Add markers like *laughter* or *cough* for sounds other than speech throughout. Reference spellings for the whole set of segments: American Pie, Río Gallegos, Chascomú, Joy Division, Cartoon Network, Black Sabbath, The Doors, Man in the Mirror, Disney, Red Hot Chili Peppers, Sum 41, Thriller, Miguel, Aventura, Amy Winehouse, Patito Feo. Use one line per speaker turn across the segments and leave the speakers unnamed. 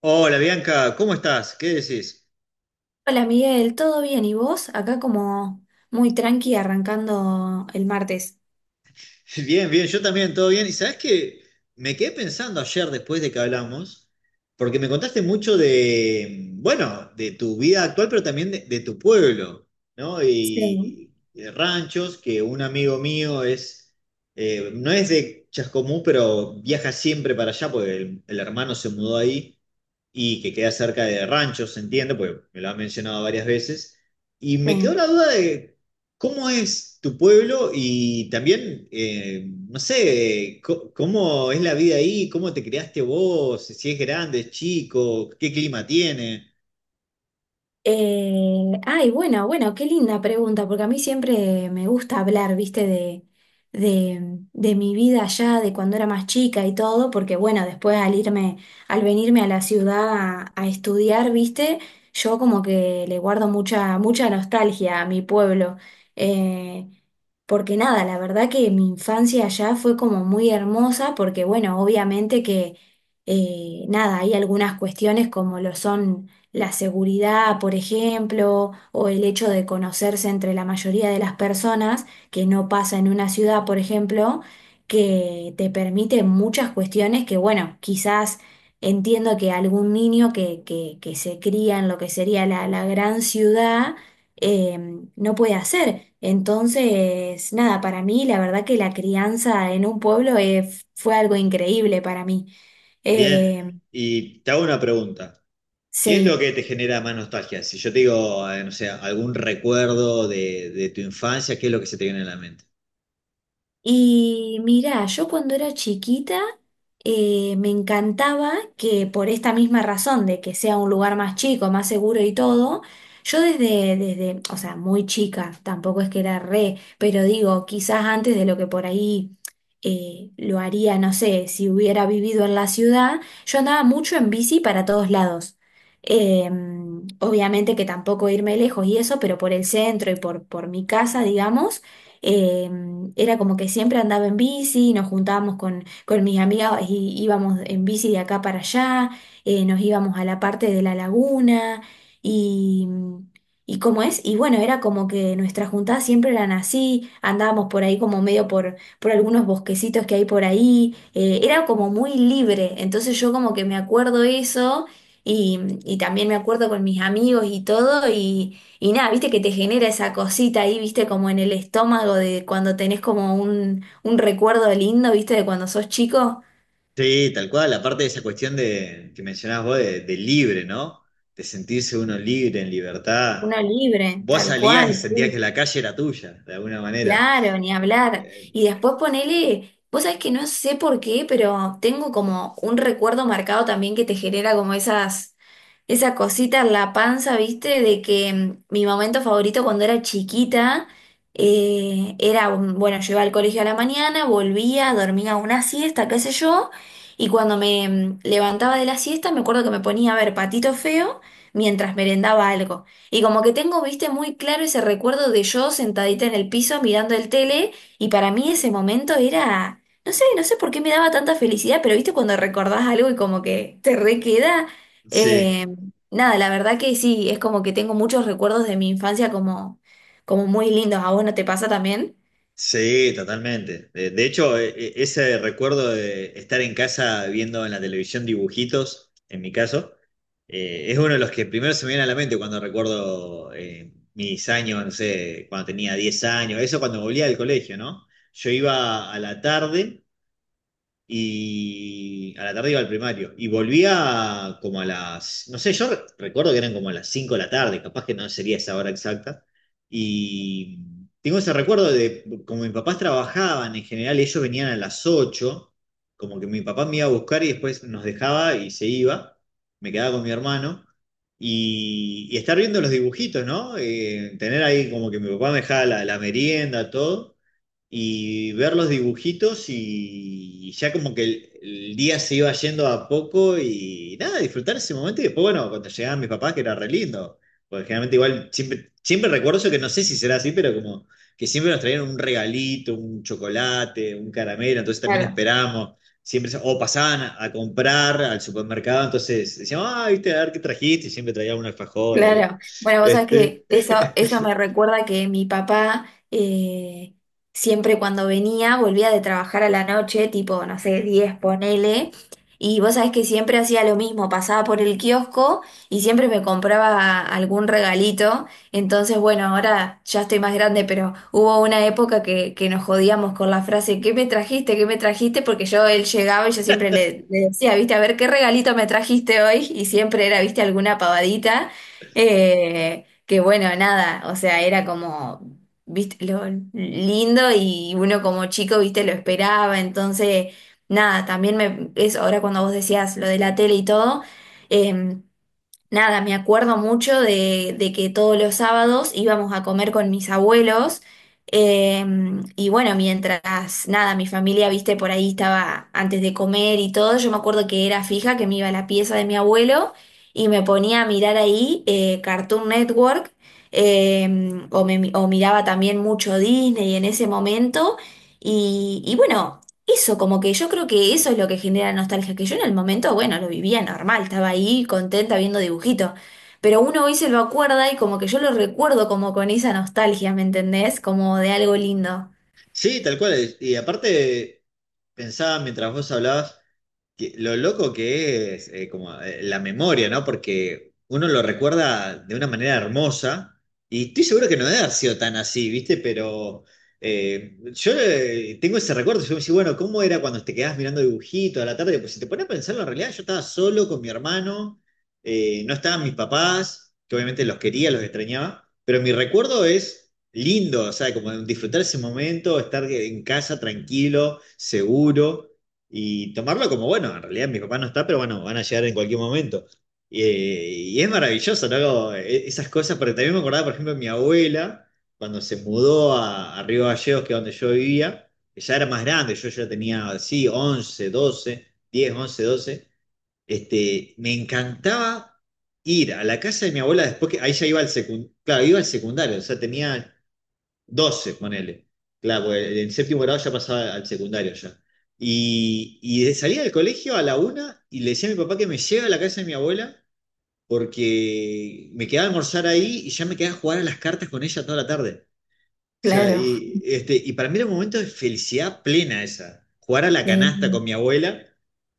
Hola Bianca, ¿cómo estás? ¿Qué decís?
Hola Miguel, ¿todo bien? ¿Y vos? Acá como muy tranqui arrancando el martes.
*laughs* Bien, bien, yo también, todo bien. Y sabés que me quedé pensando ayer después de que hablamos, porque me contaste mucho de, bueno, de tu vida actual, pero también de tu pueblo, ¿no?
Sí,
Y de ranchos, que un amigo mío es, no es de Chascomú, pero viaja siempre para allá, porque el hermano se mudó ahí. Y que queda cerca de ranchos, se entiende, porque me lo han mencionado varias veces. Y me quedó
sí.
la duda de cómo es tu pueblo y también, no sé, cómo es la vida ahí, cómo te criaste vos, si es grande, es chico, qué clima tiene.
Ay, bueno, bueno, qué linda pregunta, porque a mí siempre me gusta hablar, viste, de mi vida allá, de cuando era más chica y todo, porque bueno, después al irme, al venirme a la ciudad a estudiar, viste, yo como que le guardo mucha, mucha nostalgia a mi pueblo. Eh, Porque nada, la verdad que mi infancia allá fue como muy hermosa, porque bueno, obviamente que nada, hay algunas cuestiones como lo son. La seguridad, por ejemplo, o el hecho de conocerse entre la mayoría de las personas, que no pasa en una ciudad, por ejemplo, que te permite muchas cuestiones que, bueno, quizás entiendo que algún niño que se cría en lo que sería la gran ciudad, eh, no puede hacer. Entonces, nada, para mí la verdad que la crianza en un pueblo fue algo increíble para mí.
Bien,
Eh,
y te hago una pregunta. ¿Qué es lo
sí.
que te genera más nostalgia? Si yo te digo, no sé, algún recuerdo de tu infancia, ¿qué es lo que se te viene a la mente?
Y mirá, yo cuando era chiquita me encantaba que por esta misma razón de que sea un lugar más chico, más seguro y todo, yo desde, o sea, muy chica, tampoco es que era re, pero digo, quizás antes de lo que por ahí lo haría, no sé, si hubiera vivido en la ciudad, yo andaba mucho en bici para todos lados. Eh, obviamente que tampoco irme lejos y eso, pero por el centro y por mi casa, digamos. Eh, era como que siempre andaba en bici, nos juntábamos con mis amigas y íbamos en bici de acá para allá, nos íbamos a la parte de la laguna. Y, y cómo es, y bueno, era como que nuestras juntadas siempre eran así, andábamos por ahí como medio por algunos bosquecitos que hay por ahí, era como muy libre, entonces yo como que me acuerdo eso. Y, y también me acuerdo con mis amigos y todo, y nada, viste que te genera esa cosita ahí, viste, como en el estómago de cuando tenés como un recuerdo lindo, viste, de cuando sos chico,
Sí, tal cual, aparte de esa cuestión de, que mencionabas vos de libre, ¿no? De sentirse uno libre, en libertad.
uno libre,
Vos
tal
salías y
cual.
sentías
Sí.
que la calle era tuya, de alguna manera.
Claro, ni hablar. Y
Eh,
después ponele, vos sabés que no sé por qué, pero tengo como un recuerdo marcado también que te genera como esa cosita en la panza, ¿viste? De que mi momento favorito cuando era chiquita era, bueno, yo iba al colegio a la mañana, volvía, dormía una siesta, qué sé yo, y cuando me levantaba de la siesta me acuerdo que me ponía a ver Patito Feo mientras merendaba algo. Y como que tengo, viste, muy claro ese recuerdo de yo sentadita en el piso mirando el tele, y para mí ese momento era, no sé, no sé por qué me daba tanta felicidad, pero viste cuando recordás algo y como que te requeda, eh,
sí,
nada, la verdad que sí, es como que tengo muchos recuerdos de mi infancia como, muy lindos. ¿A vos no te pasa también?
sí, totalmente. De, hecho, ese recuerdo de estar en casa viendo en la televisión dibujitos, en mi caso, es uno de los que primero se me viene a la mente cuando recuerdo mis años, no sé, cuando tenía 10 años, eso cuando volvía del colegio, ¿no? Yo iba a la tarde. Y a la tarde iba al primario. Y volvía como a las, no sé, yo recuerdo que eran como a las 5 de la tarde, capaz que no sería esa hora exacta. Y tengo ese recuerdo de, como mis papás trabajaban, en general ellos venían a las 8, como que mi papá me iba a buscar y después nos dejaba y se iba. Me quedaba con mi hermano. Y estar viendo los dibujitos, ¿no? Tener ahí como que mi papá me dejaba la merienda, todo, y ver los dibujitos y ya como que el día se iba yendo a poco y nada, disfrutar ese momento y después, bueno, cuando llegaban mis papás, que era re lindo, porque generalmente igual siempre, siempre recuerdo eso, que no sé si será así, pero como que siempre nos traían un regalito, un chocolate, un caramelo, entonces también esperábamos. Siempre, o pasaban a comprar al supermercado, entonces decían, ah, viste, a ver qué trajiste, y siempre traían un alfajor, algo.
Claro, bueno, vos sabés
Este...
que eso
*laughs*
me recuerda que mi papá eh, siempre cuando venía volvía de trabajar a la noche, tipo, no sé, 10 ponele, y vos sabés que siempre hacía lo mismo, pasaba por el kiosco y siempre me compraba algún regalito, entonces bueno, ahora ya estoy más grande, pero hubo una época que nos jodíamos con la frase, ¿qué me trajiste? ¿Qué me trajiste? Porque yo, él llegaba y yo siempre le decía, viste, a ver, ¿qué regalito me trajiste hoy? Y siempre era, viste, alguna pavadita. Que bueno, nada, o sea, era como, viste, lo lindo y uno como chico, viste, lo esperaba, entonces, nada, también me, es ahora cuando vos decías lo de la tele y todo, em, nada, me acuerdo mucho de que todos los sábados íbamos a comer con mis abuelos, eh, y bueno, mientras nada, mi familia, viste, por ahí estaba antes de comer y todo, yo me acuerdo que era fija, que me iba a la pieza de mi abuelo y me ponía a mirar ahí Cartoon Network, eh, o miraba también mucho Disney en ese momento y bueno. Eso, como que yo creo que eso es lo que genera nostalgia, que yo en el momento, bueno, lo vivía normal, estaba ahí contenta viendo dibujitos, pero uno hoy se lo acuerda y como que yo lo recuerdo como con esa nostalgia, ¿me entendés? Como de algo lindo.
sí, tal cual. Y aparte, pensaba mientras vos hablabas, lo loco que es como la memoria, ¿no? Porque uno lo recuerda de una manera hermosa y estoy seguro que no debe haber sido tan así, ¿viste? Pero yo tengo ese recuerdo, yo me decía, bueno, ¿cómo era cuando te quedabas mirando dibujitos a la tarde? Pues si te pones a pensarlo, en realidad yo estaba solo con mi hermano, no estaban mis papás, que obviamente los quería, los extrañaba, pero mi recuerdo es lindo, o sea, como disfrutar ese momento, estar en casa tranquilo, seguro y tomarlo como, bueno, en realidad mi papá no está, pero bueno, van a llegar en cualquier momento. Y es maravilloso, ¿no? Como, esas cosas, porque también me acordaba, por ejemplo, de mi abuela, cuando se mudó a Río Gallegos, que es donde yo vivía, que ya era más grande, yo ya tenía, sí, 11, 12, 10, 11, 12, este, me encantaba ir a la casa de mi abuela después que, ahí ya iba al secundario, claro, iba al secundario, o sea, tenía 12 ponele. Claro, porque en séptimo grado ya pasaba al secundario ya. Y salía del colegio a la 1 y le decía a mi papá que me lleve a la casa de mi abuela porque me quedaba a almorzar ahí y ya me quedaba a jugar a las cartas con ella toda la tarde. O sea,
Claro,
y, este, y para mí era un momento de felicidad plena esa. Jugar a la
sí,
canasta con mi abuela,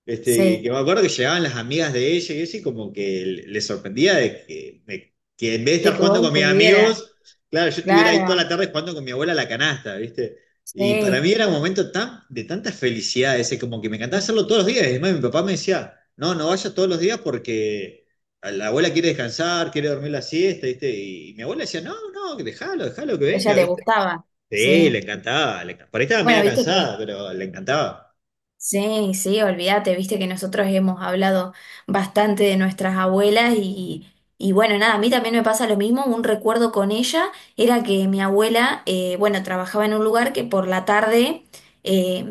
este, y
sí,
que me acuerdo que llegaban las amigas de ella y eso, y como que le sorprendía de que en vez de
de
estar
que vos
jugando con mis
estuvieras,
amigos, claro, yo estuviera ahí toda la
claro,
tarde jugando con mi abuela a la canasta, ¿viste? Y para mí
sí,
era un momento tan, de tanta felicidad ese, como que me
a
encantaba hacerlo todos los días. Y además mi papá me decía, no, no vayas todos los días porque la abuela quiere descansar, quiere dormir la siesta, ¿viste? Y mi abuela decía, no, no, que dejalo, dejalo que
ella
venga,
le
¿viste?
gustaba,
Sí, le
sí.
encantaba. Por ahí estaba
Bueno,
media
viste
cansada,
que
pero le encantaba.
sí, sí, olvídate, viste que nosotros hemos hablado bastante de nuestras abuelas, y bueno, nada, a mí también me pasa lo mismo, un recuerdo con ella era que mi abuela, bueno, trabajaba en un lugar que por la tarde, eh,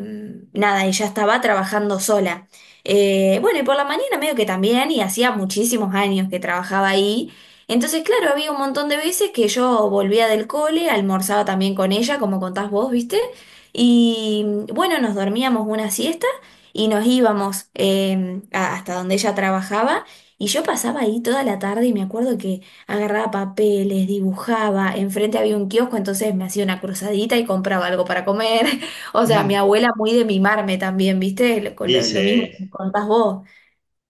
nada, ella estaba trabajando sola. Bueno, y por la mañana medio que también, y hacía muchísimos años que trabajaba ahí. Entonces, claro, había un montón de veces que yo volvía del cole, almorzaba también con ella, como contás vos, ¿viste? Y bueno, nos dormíamos una siesta y nos íbamos hasta donde ella trabajaba, y yo pasaba ahí toda la tarde y me acuerdo que agarraba papeles, dibujaba, enfrente había un kiosco, entonces me hacía una cruzadita y compraba algo para comer. *laughs* O sea, mi
*laughs*
abuela muy de mimarme también, ¿viste? Lo,
Y
lo- lo mismo
sí,
que contás vos.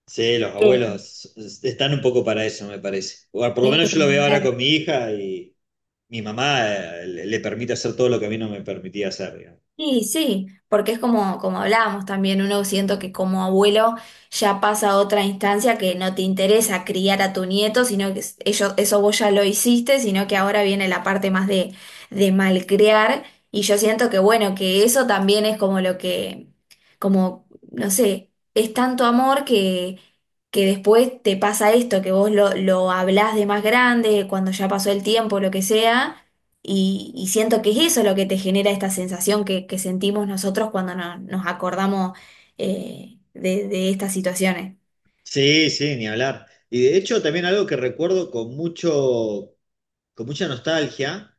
sí, los abuelos están un poco para eso, me parece. O por lo
Eh,
menos yo lo veo ahora con mi hija y mi mamá le permite hacer todo lo que a mí no me permitía hacer, digamos.
Sí, sí, porque es como, hablábamos también, uno siento que como abuelo ya pasa a otra instancia, que no te interesa criar a tu nieto, sino que ellos, eso vos ya lo hiciste, sino que ahora viene la parte más de malcriar, y yo siento que bueno, que eso también es como lo que, como, no sé, es tanto amor que después te pasa esto, que vos lo hablás de más grande, cuando ya pasó el tiempo, lo que sea, y siento que es eso lo que te genera esta sensación que sentimos nosotros cuando nos acordamos, de estas situaciones.
Sí, sí, ni hablar. Y de hecho también algo que recuerdo con mucho, con mucha nostalgia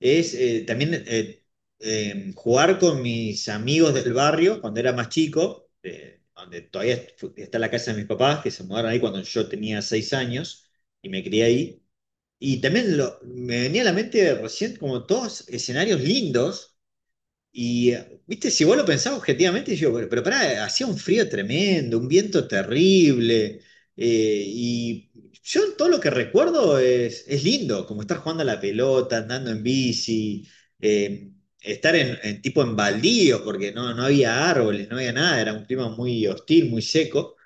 es también jugar con mis amigos del barrio cuando era más chico, donde todavía está la casa de mis papás, que se mudaron ahí cuando yo tenía 6 años y me crié ahí. Y también me venía a la mente recién como todos escenarios lindos y, viste, si vos lo pensás objetivamente, yo, pero pará, hacía un frío tremendo, un viento terrible, y yo todo lo que recuerdo es lindo, como estar jugando a la pelota, andando en bici, eh, estar en tipo en baldíos, porque no, no había árboles, no había nada, era un clima muy hostil, muy seco.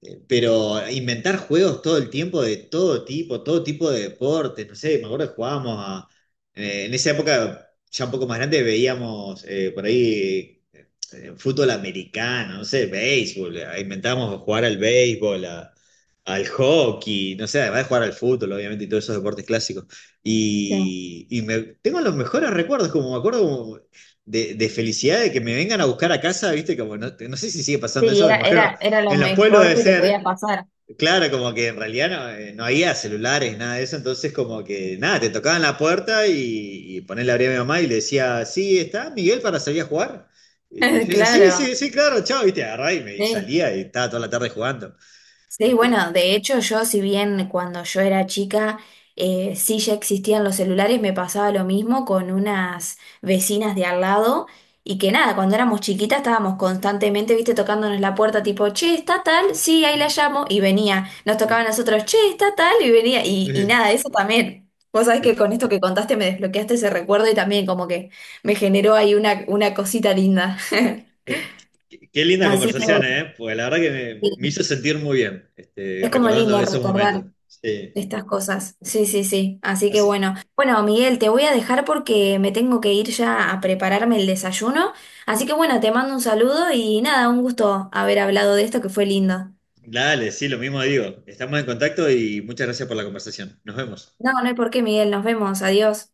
Pero inventar juegos todo el tiempo de todo tipo de deportes, no sé, me acuerdo que jugábamos a, en esa época ya un poco más grande veíamos por ahí fútbol americano, no sé, béisbol, inventábamos jugar al béisbol, al hockey, no sé, además de jugar al fútbol, obviamente, y todos esos deportes clásicos.
Sí.
Y me, tengo los mejores recuerdos, como me acuerdo como de felicidad de que me vengan a buscar a casa, viste, como no, no sé si sigue pasando
Sí,
eso, me
era,
imagino,
era, era lo
en los pueblos
mejor
debe
que te
ser,
podía pasar.
claro, como que en realidad no, no había celulares, nada de eso, entonces como que nada, te tocaban la puerta y ponerle abría a mi mamá y le decía, sí, está Miguel para salir a jugar. Este, y yo
*laughs*
decía, sí, sí,
Claro,
sí, claro, chao, viste, agarraba y me y
sí.
salía y estaba toda la tarde jugando.
Sí, bueno,
Este,
de hecho yo, si bien cuando yo era chica, sí, ya existían los celulares, me pasaba lo mismo con unas vecinas de al lado, y que nada, cuando éramos chiquitas estábamos constantemente, viste, tocándonos la puerta tipo, che, está tal, sí, ahí la llamo
*laughs*
y venía, nos
qué,
tocaban a nosotros, che, está tal y venía, y nada, eso también. Vos sabés que con esto que contaste me desbloqueaste ese recuerdo y también como que me generó ahí una cosita linda. *laughs*
qué linda
Así que
conversación, ¿eh? Pues la verdad que me hizo
sí,
sentir muy bien, este,
es como
recordando
lindo
esos
recordar
momentos. Sí.
de estas cosas. Sí, sí, sí. Así que
Así,
bueno. Bueno, Miguel, te voy a dejar porque me tengo que ir ya a prepararme el desayuno. Así que bueno, te mando un saludo y nada, un gusto haber hablado de esto que fue lindo.
dale, sí, lo mismo digo. Estamos en contacto y muchas gracias por la conversación. Nos vemos.
No, no hay por qué, Miguel. Nos vemos. Adiós.